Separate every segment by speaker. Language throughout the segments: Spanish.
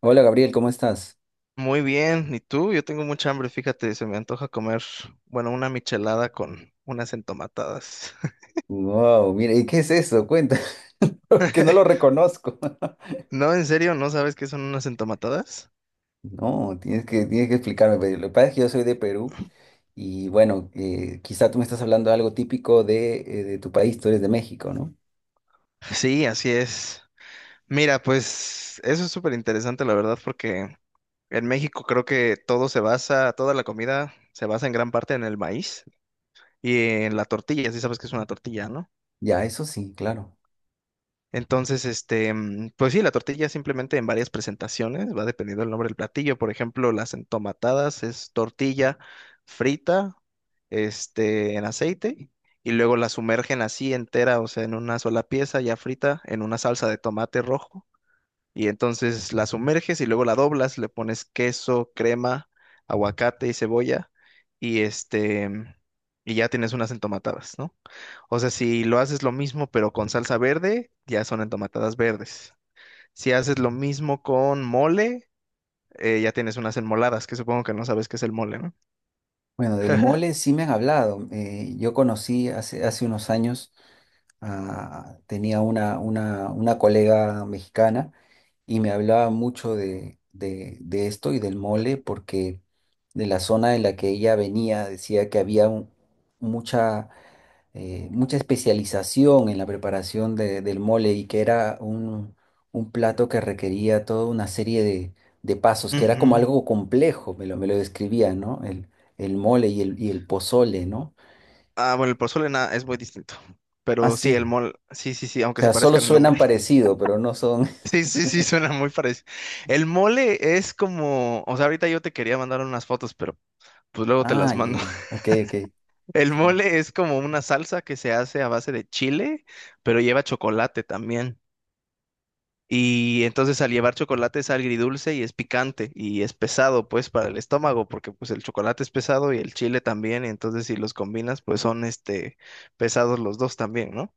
Speaker 1: Hola, Gabriel, ¿cómo estás?
Speaker 2: Muy bien, ¿y tú? Yo tengo mucha hambre, fíjate, se me antoja comer, bueno, una michelada con unas entomatadas.
Speaker 1: Wow, mira, ¿y qué es eso? Cuenta, porque no lo reconozco.
Speaker 2: No, en serio, ¿no sabes qué son unas entomatadas?
Speaker 1: No, tienes que explicarme. Pero lo que pasa es que yo soy de Perú y bueno, quizá tú me estás hablando de algo típico de tu país. Tú eres de México, ¿no?
Speaker 2: Sí, así es. Mira, pues eso es súper interesante, la verdad, porque en México creo que todo se basa, toda la comida se basa en gran parte en el maíz y en la tortilla, sí sabes que es una tortilla, ¿no?
Speaker 1: Ya, eso sí, claro.
Speaker 2: Entonces, este, pues sí, la tortilla simplemente en varias presentaciones, va dependiendo del nombre del platillo. Por ejemplo, las entomatadas es tortilla frita, este, en aceite, y luego la sumergen así entera, o sea, en una sola pieza ya frita, en una salsa de tomate rojo. Y entonces la sumerges y luego la doblas, le pones queso, crema, aguacate y cebolla, y este, y ya tienes unas entomatadas, ¿no? O sea, si lo haces lo mismo pero con salsa verde, ya son entomatadas verdes. Si haces lo mismo con mole, ya tienes unas enmoladas, que supongo que no sabes qué es el mole, ¿no?
Speaker 1: Bueno, del mole sí me han hablado. Yo conocí hace, hace unos años, tenía una, una colega mexicana y me hablaba mucho de, de esto y del mole porque de la zona de la que ella venía decía que había mucha, mucha especialización en la preparación del mole y que era un plato que requería toda una serie de pasos, que era como
Speaker 2: Ujú.
Speaker 1: algo complejo, me lo describía, ¿no? El mole y el pozole, ¿no?
Speaker 2: Ah, bueno, el pozole nada, es muy distinto.
Speaker 1: Ah,
Speaker 2: Pero sí, el
Speaker 1: sí.
Speaker 2: mole, sí, sí, sí,
Speaker 1: O
Speaker 2: aunque se
Speaker 1: sea, solo
Speaker 2: parezcan en
Speaker 1: suenan
Speaker 2: nombre.
Speaker 1: parecido, pero no son...
Speaker 2: Sí, sí, sí, suena muy parecido. El mole es como, o sea, ahorita yo te quería mandar unas fotos, pero pues luego te
Speaker 1: Ah,
Speaker 2: las
Speaker 1: ya,
Speaker 2: mando.
Speaker 1: ya. Ok, ok.
Speaker 2: El
Speaker 1: Sí.
Speaker 2: mole es como una salsa que se hace a base de chile, pero lleva chocolate también. Y entonces al llevar chocolate es agridulce y es picante y es pesado pues para el estómago porque pues el chocolate es pesado y el chile también y entonces si los combinas pues son este pesados los dos también, ¿no?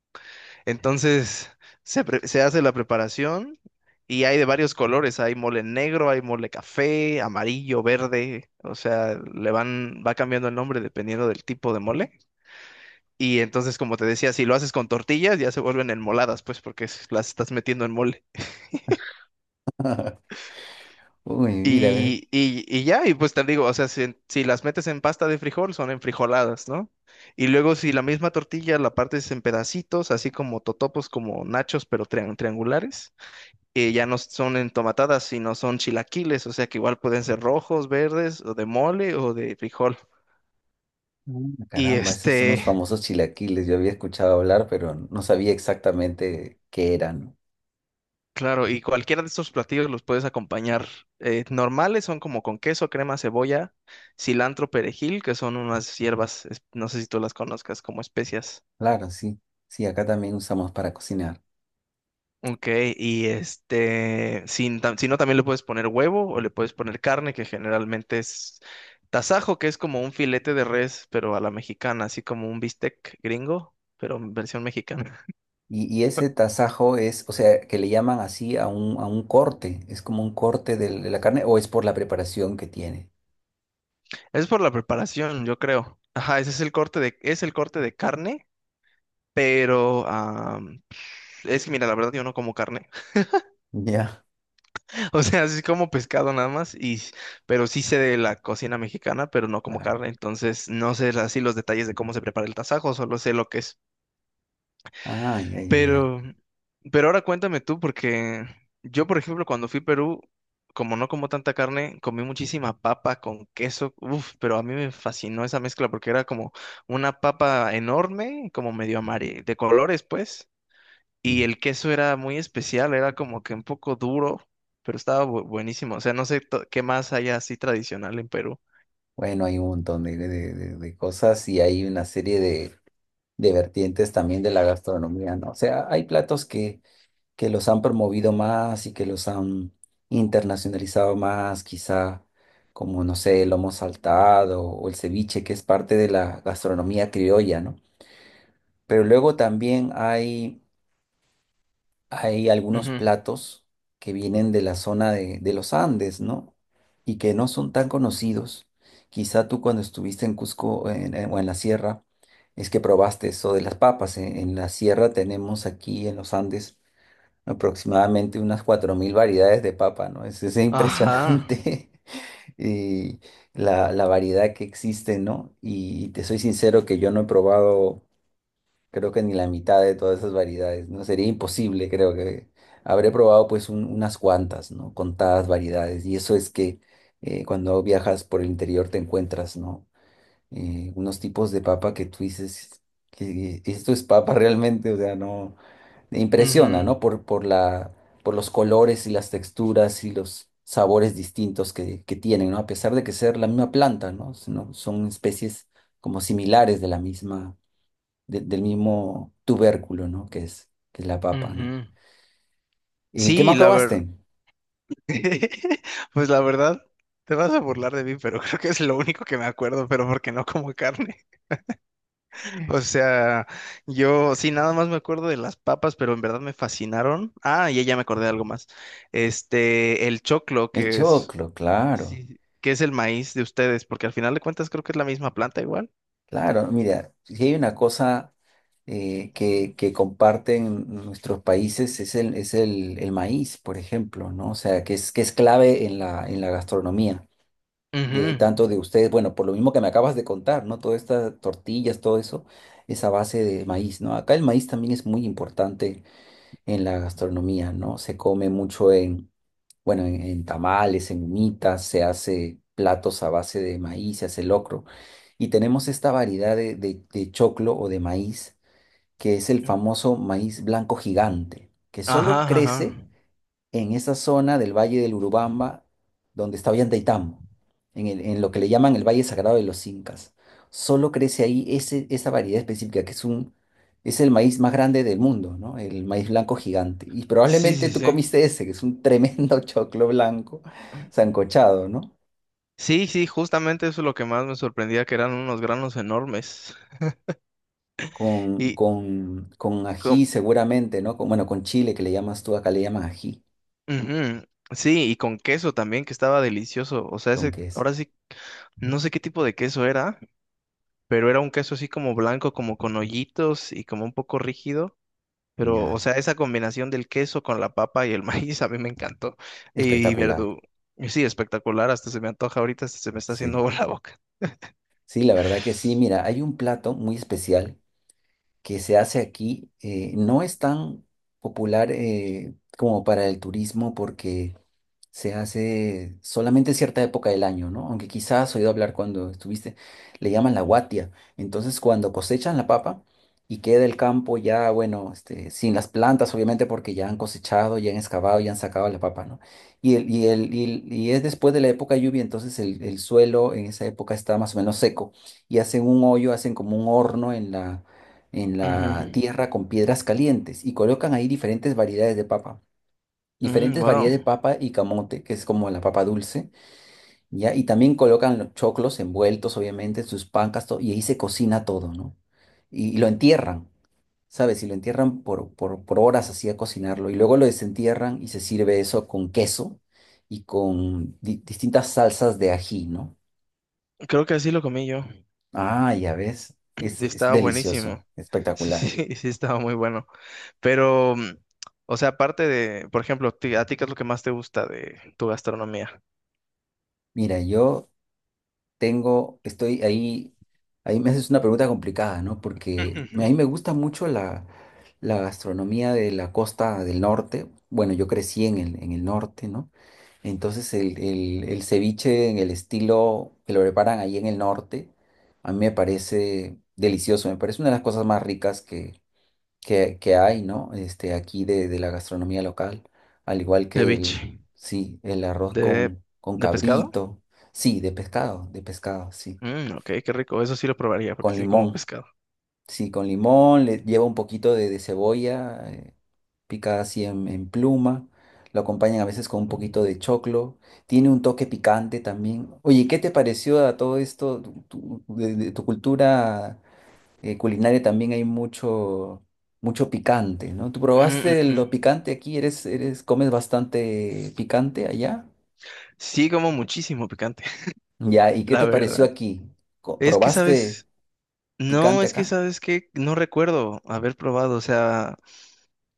Speaker 2: Entonces se hace la preparación y hay de varios colores, hay mole negro, hay mole café, amarillo, verde, o sea, le van, va cambiando el nombre dependiendo del tipo de mole. Y entonces, como te decía, si lo haces con tortillas, ya se vuelven enmoladas, pues, porque las estás metiendo en mole.
Speaker 1: Uy, mira, a ver.
Speaker 2: Y ya, y pues te digo, o sea, si las metes en pasta de frijol, son en frijoladas, ¿no? Y luego si la misma tortilla la partes en pedacitos, así como totopos, como nachos, pero triangulares, ya no son entomatadas, sino son chilaquiles, o sea que igual pueden ser rojos, verdes, o de mole, o de frijol.
Speaker 1: Mm,
Speaker 2: Y
Speaker 1: Caramba, esos son los
Speaker 2: este,
Speaker 1: famosos chilaquiles. Yo había escuchado hablar, pero no sabía exactamente qué eran.
Speaker 2: claro, y cualquiera de estos platillos los puedes acompañar. Normales son como con queso, crema, cebolla, cilantro, perejil, que son unas hierbas, no sé si tú las conozcas como especias.
Speaker 1: Claro, sí. Sí, acá también usamos para cocinar.
Speaker 2: Ok, y este, sin, tam- si no, también le puedes poner huevo o le puedes poner carne, que generalmente es tasajo, que es como un filete de res, pero a la mexicana, así como un bistec gringo, pero en versión mexicana.
Speaker 1: Y ese tasajo es, o sea, ¿que le llaman así a un corte? ¿Es como un corte de la carne o es por la preparación que tiene?
Speaker 2: Es por la preparación, yo creo. Ajá, ese es el corte de, es el corte de carne, pero es que mira, la verdad yo no como carne.
Speaker 1: Ya,
Speaker 2: O sea, sí como pescado nada más, y, pero sí sé de la cocina mexicana, pero no como
Speaker 1: claro.
Speaker 2: carne. Entonces, no sé así los detalles de cómo se prepara el tasajo, solo sé lo que es.
Speaker 1: Ah, ya, ya, ya.
Speaker 2: Pero, pero ahora cuéntame tú, porque yo, por ejemplo, cuando fui a Perú, como no como tanta carne, comí muchísima papa con queso, uf, pero a mí me fascinó esa mezcla porque era como una papa enorme, como medio amarilla, de colores, pues, y
Speaker 1: Sí.
Speaker 2: el queso era muy especial, era como que un poco duro, pero estaba buenísimo. O sea, no sé qué más hay así tradicional en Perú.
Speaker 1: Bueno, hay un montón de, de cosas y hay una serie de vertientes también de la gastronomía, ¿no? O sea, hay platos que los han promovido más y que los han internacionalizado más, quizá como, no sé, el lomo saltado o el ceviche, que es parte de la gastronomía criolla, ¿no? Pero luego también hay algunos
Speaker 2: Ujú.
Speaker 1: platos que vienen de la zona de los Andes, ¿no? Y que no son tan conocidos. Quizá tú cuando estuviste en Cusco o en la sierra, es que probaste eso de las papas. En la sierra tenemos aquí en los Andes aproximadamente unas 4.000 variedades de papa, ¿no? Es
Speaker 2: Ajá.
Speaker 1: impresionante y la variedad que existe, ¿no? Y, te soy sincero que yo no he probado, creo que ni la mitad de todas esas variedades, ¿no? Sería imposible, creo que habré probado pues unas cuantas, ¿no? Contadas variedades. Y eso es que cuando viajas por el interior te encuentras, ¿no? Unos tipos de papa que tú dices, que esto es papa realmente, o sea, no. Impresiona,
Speaker 2: Ujú,
Speaker 1: ¿no? Por, por los colores y las texturas y los sabores distintos que tienen, ¿no? A pesar de que ser la misma planta, ¿no? Son especies como similares de la misma, del mismo tubérculo, ¿no? Que es la papa, ¿no?
Speaker 2: ujú.
Speaker 1: ¿Y qué
Speaker 2: Sí,
Speaker 1: más
Speaker 2: la verdad.
Speaker 1: probaste?
Speaker 2: Pues la verdad, te vas a burlar de mí, pero creo que es lo único que me acuerdo, pero porque no como carne. O sea, yo sí, nada más me acuerdo de las papas, pero en verdad me fascinaron. Ah, y ya me acordé de algo más. Este, el choclo,
Speaker 1: El
Speaker 2: que es,
Speaker 1: choclo, claro,
Speaker 2: sí, que es el maíz de ustedes, porque al final de cuentas creo que es la misma planta igual.
Speaker 1: claro. Mira, si hay una cosa que comparten nuestros países es el, el maíz, por ejemplo, ¿no? O sea, que es clave en la gastronomía. De
Speaker 2: Ujú.
Speaker 1: tanto de ustedes, bueno, por lo mismo que me acabas de contar, ¿no? Todas estas tortillas, todo eso, esa base de maíz, ¿no? Acá el maíz también es muy importante en la gastronomía, ¿no? Se come mucho en, bueno, en tamales, en humitas, se hace platos a base de maíz, se hace locro. Y tenemos esta variedad de, de choclo o de maíz, que es el famoso maíz blanco gigante, que
Speaker 2: Ajá,
Speaker 1: solo
Speaker 2: ajá.
Speaker 1: crece en esa zona del Valle del Urubamba, donde está Ollantaytambo, en en lo que le llaman el Valle Sagrado de los Incas. Solo crece ahí ese, esa variedad específica, que es un, es el maíz más grande del mundo, ¿no? El maíz blanco gigante. Y
Speaker 2: Sí,
Speaker 1: probablemente
Speaker 2: sí,
Speaker 1: tú
Speaker 2: sí.
Speaker 1: comiste ese, que es un tremendo choclo blanco sancochado, ¿no?
Speaker 2: Sí, sí, justamente eso es lo que más me sorprendía, que eran unos granos enormes.
Speaker 1: Con,
Speaker 2: Y,
Speaker 1: con
Speaker 2: co-
Speaker 1: ají seguramente, ¿no? Con, bueno, con chile que le llamas tú, acá le llaman ají,
Speaker 2: ujú, sí, y con queso también, que estaba delicioso. O sea,
Speaker 1: con
Speaker 2: ese,
Speaker 1: queso.
Speaker 2: ahora sí, no sé qué tipo de queso era, pero era un queso así como blanco, como con hoyitos y como un poco rígido. Pero, o
Speaker 1: Ya,
Speaker 2: sea, esa combinación del queso con la papa y el maíz a mí me encantó. Y
Speaker 1: espectacular,
Speaker 2: verdú. Y sí, espectacular, hasta se me antoja ahorita, hasta se me está haciendo
Speaker 1: sí.
Speaker 2: agua la boca.
Speaker 1: Sí, la verdad que sí. Mira, hay un plato muy especial que se hace aquí. No es tan popular como para el turismo porque se hace solamente en cierta época del año, ¿no? Aunque quizás has oído hablar cuando estuviste, le llaman la guatia. Entonces, cuando cosechan la papa y queda el campo ya, bueno, sin las plantas, obviamente, porque ya han cosechado, ya han excavado, ya han sacado la papa, ¿no? Y es después de la época de lluvia, entonces el suelo en esa época está más o menos seco y hacen un hoyo, hacen como un horno en la
Speaker 2: Ujú.
Speaker 1: tierra con piedras calientes y colocan ahí diferentes variedades de papa
Speaker 2: Mm,
Speaker 1: diferentes
Speaker 2: wow,
Speaker 1: variedades de papa y camote, que es como la papa dulce, ¿ya? Y también colocan los choclos envueltos, obviamente, sus pancas, todo, y ahí se cocina todo, ¿no? Y lo entierran, ¿sabes? Y lo entierran por, por horas así a cocinarlo, y luego lo desentierran y se sirve eso con queso y con distintas salsas de ají, ¿no?
Speaker 2: creo que así lo comí yo.
Speaker 1: Ah, ya ves,
Speaker 2: Y
Speaker 1: es
Speaker 2: estaba
Speaker 1: delicioso,
Speaker 2: buenísimo. Sí,
Speaker 1: espectacular.
Speaker 2: sí, sí, estaba muy bueno. Pero, o sea, aparte de, por ejemplo, ¿a ti qué es lo que más te gusta de tu gastronomía?
Speaker 1: Mira, yo tengo, estoy ahí, ahí me haces una pregunta complicada, ¿no? Porque a mí me gusta mucho la, la gastronomía de la costa del norte. Bueno, yo crecí en el norte, ¿no? Entonces el, el ceviche en el estilo que lo preparan ahí en el norte, a mí me parece delicioso, me parece una de las cosas más ricas que hay, ¿no? Este, aquí de la gastronomía local, al igual que
Speaker 2: Ceviche.
Speaker 1: sí, el arroz
Speaker 2: ¿De,
Speaker 1: con
Speaker 2: de pescado?
Speaker 1: cabrito, sí, de pescado,
Speaker 2: Mm, ok, qué rico. Eso sí lo probaría porque
Speaker 1: con
Speaker 2: sí como
Speaker 1: limón,
Speaker 2: pescado.
Speaker 1: sí, con limón, le lleva un poquito de cebolla, picada así en pluma, lo acompañan a veces con un poquito de choclo, tiene un toque picante también. Oye, ¿qué te pareció a todo esto, tu, de tu cultura? Culinaria también hay mucho, mucho picante, ¿no? ¿Tú
Speaker 2: Mm,
Speaker 1: probaste
Speaker 2: ujú.
Speaker 1: lo picante aquí? ¿Eres, eres, comes bastante picante allá?
Speaker 2: Sí como muchísimo picante,
Speaker 1: Ya, ¿y qué
Speaker 2: la
Speaker 1: te pareció
Speaker 2: verdad.
Speaker 1: aquí?
Speaker 2: Es que,
Speaker 1: ¿Probaste
Speaker 2: ¿sabes? No,
Speaker 1: picante
Speaker 2: es que,
Speaker 1: acá?
Speaker 2: ¿sabes que no recuerdo haber probado? O sea,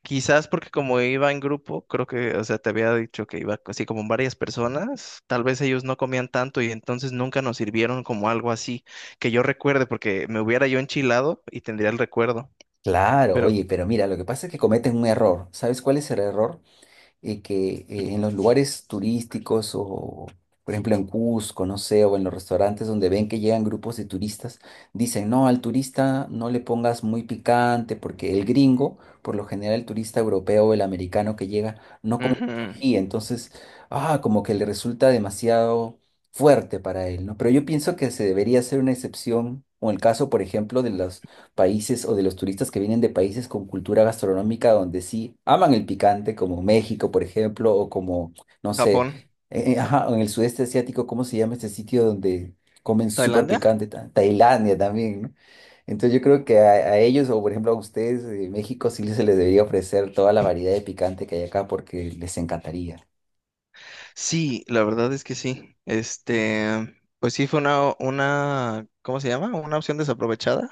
Speaker 2: quizás porque como iba en grupo, creo que, o sea, te había dicho que iba así como varias personas, tal vez ellos no comían tanto y entonces nunca nos sirvieron como algo así, que yo recuerde, porque me hubiera yo enchilado y tendría el recuerdo.
Speaker 1: Claro,
Speaker 2: Pero,
Speaker 1: oye, pero mira, lo que pasa es que cometen un error. ¿Sabes cuál es el error? Que en los lugares turísticos o, por ejemplo, en Cusco, no sé, o en los restaurantes donde ven que llegan grupos de turistas, dicen, no, al turista no le pongas muy picante porque el gringo, por lo general el turista europeo o el americano que llega, no come mucho
Speaker 2: ujú,
Speaker 1: ají, entonces, ah, como que le resulta demasiado fuerte para él, ¿no? Pero yo pienso que se debería hacer una excepción, o el caso, por ejemplo, de los países o de los turistas que vienen de países con cultura gastronómica donde sí aman el picante, como México, por ejemplo, o como, no sé,
Speaker 2: Japón,
Speaker 1: ajá, en el sudeste asiático, ¿cómo se llama este sitio donde comen súper
Speaker 2: Tailandia.
Speaker 1: picante? Tailandia también, ¿no? Entonces yo creo que a ellos, o por ejemplo a ustedes, de México, sí se les debería ofrecer toda la variedad de picante que hay acá porque les encantaría.
Speaker 2: Sí, la verdad es que sí. Este, pues sí fue una, ¿cómo se llama? Una opción desaprovechada.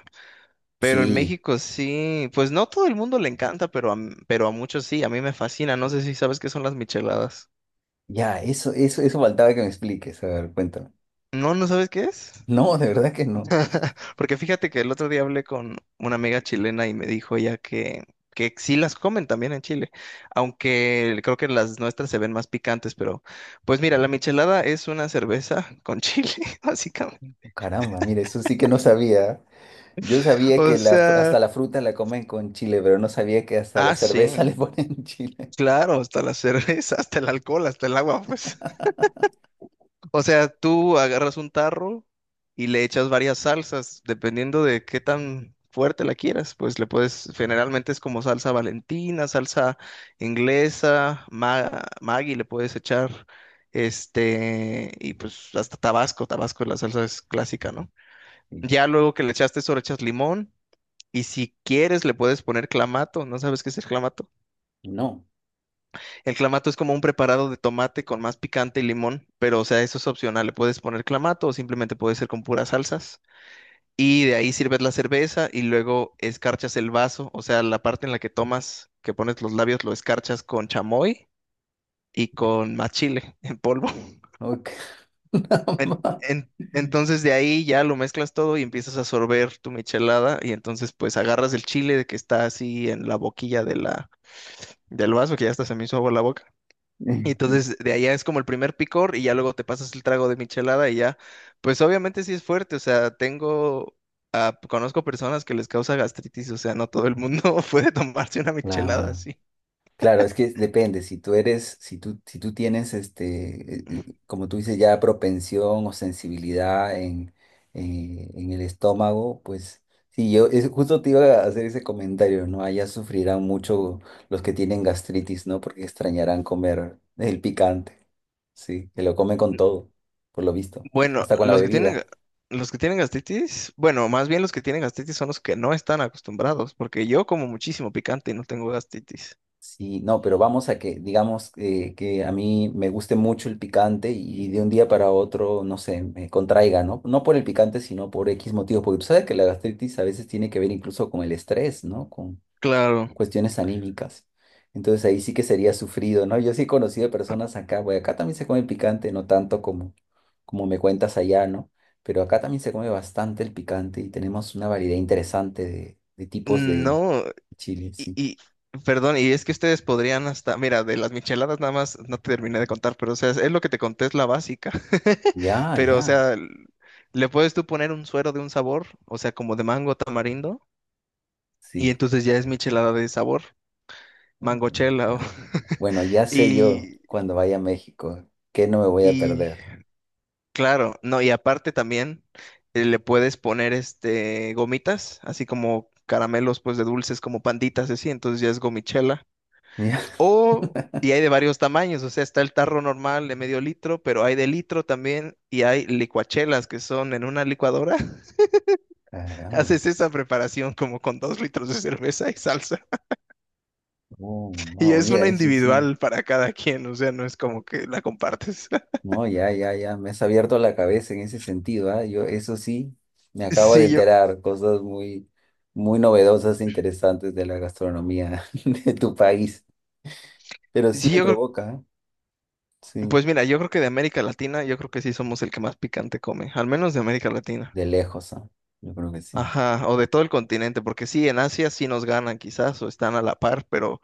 Speaker 2: Pero en
Speaker 1: Sí,
Speaker 2: México sí, pues no todo el mundo le encanta, pero pero a muchos sí, a mí me fascina. No sé si sabes qué son las micheladas.
Speaker 1: ya, eso faltaba que me expliques. A ver, cuéntame.
Speaker 2: No, ¿no sabes qué es?
Speaker 1: No, de verdad que no.
Speaker 2: Porque fíjate que el otro día hablé con una amiga chilena y me dijo ella que sí las comen también en Chile, aunque creo que las nuestras se ven más picantes, pero pues mira, la michelada es una cerveza con chile, básicamente.
Speaker 1: Caramba, mira, eso sí que no sabía. Yo sabía
Speaker 2: O
Speaker 1: que la,
Speaker 2: sea,
Speaker 1: hasta la fruta la comen con chile, pero no sabía que hasta la
Speaker 2: ah,
Speaker 1: cerveza
Speaker 2: sí,
Speaker 1: le ponen chile.
Speaker 2: claro, hasta la cerveza, hasta el alcohol, hasta el agua, pues. O sea, tú agarras un tarro y le echas varias salsas, dependiendo de qué tan fuerte la quieras. Pues le puedes, generalmente es como salsa valentina, salsa inglesa, Maggi le puedes echar, este, y pues hasta Tabasco, Tabasco la salsa es clásica, ¿no?
Speaker 1: Y
Speaker 2: Ya luego que le echaste eso, le echas limón y si quieres le puedes poner clamato, ¿no sabes qué es el clamato?
Speaker 1: no,
Speaker 2: El clamato es como un preparado de tomate con más picante y limón, pero o sea, eso es opcional. Le puedes poner clamato o simplemente puede ser con puras salsas. Y de ahí sirves la cerveza y luego escarchas el vaso, o sea, la parte en la que tomas, que pones los labios, lo escarchas con chamoy y con más chile en polvo.
Speaker 1: no, caramba.
Speaker 2: Entonces de ahí ya lo mezclas todo y empiezas a sorber tu michelada y entonces pues agarras el chile de que está así en la boquilla de la, del vaso, que ya hasta se me hizo agua la boca. Y
Speaker 1: Sí.
Speaker 2: entonces de allá es como el primer picor y ya luego te pasas el trago de michelada y ya, pues obviamente sí es fuerte, o sea, tengo, conozco personas que les causa gastritis, o sea, no todo el mundo puede tomarse una michelada
Speaker 1: Claro.
Speaker 2: así.
Speaker 1: Claro, es que depende, si tú eres, si tú, si tú tienes, como tú dices, ya propensión o sensibilidad en el estómago, pues sí, yo es, justo te iba a hacer ese comentario, ¿no? Allá sufrirán mucho los que tienen gastritis, ¿no? Porque extrañarán comer el picante, sí, que lo comen con todo, por lo visto,
Speaker 2: Bueno,
Speaker 1: hasta con la
Speaker 2: los que tienen,
Speaker 1: bebida.
Speaker 2: los que tienen gastritis, bueno, más bien los que tienen gastritis son los que no están acostumbrados, porque yo como muchísimo picante y no tengo gastritis.
Speaker 1: Sí, no, pero vamos a que, digamos, que a mí me guste mucho el picante y de un día para otro, no sé, me contraiga, ¿no? No por el picante, sino por X motivos, porque tú sabes que la gastritis a veces tiene que ver incluso con el estrés, ¿no? Con
Speaker 2: Claro.
Speaker 1: cuestiones anímicas. Entonces ahí sí que sería sufrido, ¿no? Yo sí he conocido personas acá, bueno, acá también se come picante, no tanto como, como me cuentas allá, ¿no? Pero acá también se come bastante el picante y tenemos una variedad interesante de tipos de
Speaker 2: No,
Speaker 1: chile,
Speaker 2: Y,
Speaker 1: sí.
Speaker 2: y, perdón, y es que ustedes podrían hasta, mira, de las micheladas nada más no te terminé de contar, pero o sea, es lo que te conté, es la básica.
Speaker 1: Ya,
Speaker 2: Pero o
Speaker 1: ya,
Speaker 2: sea, le puedes tú poner un suero de un sabor, o sea, como de mango tamarindo, y
Speaker 1: sí.
Speaker 2: entonces ya es michelada de sabor,
Speaker 1: Oh, mira,
Speaker 2: mangochela.
Speaker 1: caramba. Bueno, ya sé yo
Speaker 2: Y,
Speaker 1: cuando vaya a México que no me voy a
Speaker 2: y
Speaker 1: perder.
Speaker 2: claro, no, y aparte también le puedes poner este gomitas, así como caramelos pues de dulces como panditas, así, entonces ya es gomichela.
Speaker 1: Ya,
Speaker 2: O, y hay de varios tamaños, o sea, está el tarro normal de medio litro, pero hay de litro también y hay licuachelas que son en una licuadora.
Speaker 1: caramba.
Speaker 2: Haces esa preparación como con 2 litros de cerveza y salsa.
Speaker 1: Oh,
Speaker 2: Y
Speaker 1: wow,
Speaker 2: es
Speaker 1: mira,
Speaker 2: una
Speaker 1: eso sí.
Speaker 2: individual para cada quien, o sea, no es como que la compartes.
Speaker 1: No, ya, ya, ya. Me has abierto la cabeza en ese sentido, ¿ah? Yo, eso sí, me acabo de
Speaker 2: Sí, yo,
Speaker 1: enterar cosas muy, muy novedosas e interesantes de la gastronomía de tu país. Pero sí
Speaker 2: sí,
Speaker 1: me
Speaker 2: yo creo,
Speaker 1: provoca, ¿ah? Sí,
Speaker 2: pues mira, yo creo que de América Latina, yo creo que sí somos el que más picante come, al menos de América Latina.
Speaker 1: de lejos, ¿ah? Yo creo que sí.
Speaker 2: Ajá, o de todo el continente, porque sí, en Asia sí nos ganan quizás, o están a la par, pero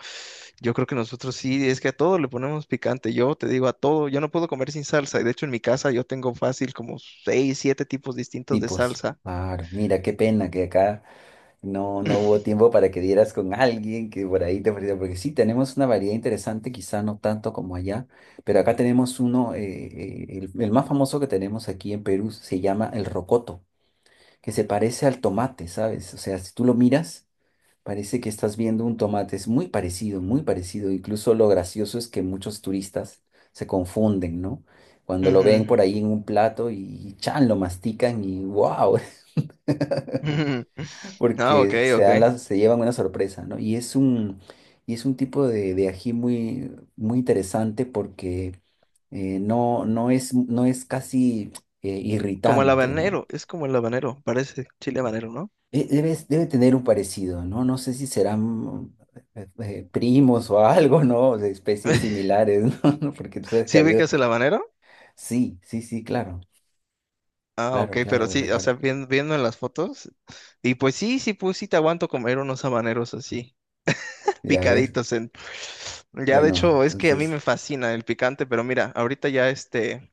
Speaker 2: yo creo que nosotros sí, es que a todo le ponemos picante. Yo te digo, a todo, yo no puedo comer sin salsa, y de hecho en mi casa yo tengo fácil como seis, siete tipos distintos de
Speaker 1: Tipos.
Speaker 2: salsa.
Speaker 1: Claro, mira, qué pena que acá. No, no hubo tiempo para que dieras con alguien que por ahí te ofreciera, porque sí, tenemos una variedad interesante, quizá no tanto como allá, pero acá tenemos uno, el más famoso que tenemos aquí en Perú se llama el rocoto, que se parece al tomate, ¿sabes? O sea, si tú lo miras, parece que estás viendo un tomate, es muy parecido, incluso lo gracioso es que muchos turistas se confunden, ¿no? Cuando lo
Speaker 2: Ujú.
Speaker 1: ven por ahí en un plato y chan, lo mastican y wow,
Speaker 2: Ujú. Ah, ok,
Speaker 1: porque se
Speaker 2: ok.
Speaker 1: dan las, se llevan una sorpresa, ¿no? Y es un tipo de ají muy, muy interesante porque no, no es, no es casi
Speaker 2: Como el
Speaker 1: irritante, ¿no?
Speaker 2: habanero, es como el habanero, parece chile habanero, ¿no?
Speaker 1: Debe, debe tener un parecido, ¿no? No sé si serán primos o algo, ¿no? De especies similares, ¿no? Porque tú sabes que ha
Speaker 2: ¿Sí
Speaker 1: habido...
Speaker 2: ubicas el habanero?
Speaker 1: Sí, sí, sí, claro,
Speaker 2: Ah, ok,
Speaker 1: claro, claro,
Speaker 2: pero
Speaker 1: lo
Speaker 2: sí, o sea,
Speaker 1: recuerdo.
Speaker 2: viendo en las fotos, y pues sí, sí, pues sí te aguanto comer unos habaneros así.
Speaker 1: Ya ves.
Speaker 2: Picaditos en... Ya, de
Speaker 1: Bueno,
Speaker 2: hecho, es que a mí
Speaker 1: entonces...
Speaker 2: me fascina el picante, pero mira, ahorita ya este,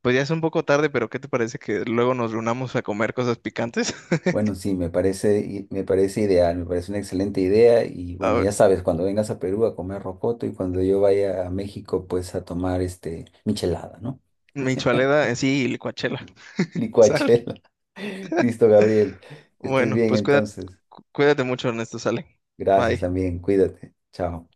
Speaker 2: pues ya es un poco tarde, pero ¿qué te parece que luego nos reunamos a comer cosas picantes?
Speaker 1: Bueno, sí, me parece, me parece ideal, me parece una excelente idea y
Speaker 2: A
Speaker 1: bueno,
Speaker 2: ver,
Speaker 1: ya sabes, cuando vengas a Perú a comer rocoto y cuando yo vaya a México, pues a tomar este michelada, ¿no?
Speaker 2: michoaleda, sí, y licuachela. Sale.
Speaker 1: Licuachela. Listo, Gabriel. Que estés
Speaker 2: Bueno,
Speaker 1: bien
Speaker 2: pues cuídate,
Speaker 1: entonces.
Speaker 2: cuídate mucho, Ernesto, sale.
Speaker 1: Gracias
Speaker 2: Bye.
Speaker 1: también, cuídate. Chao.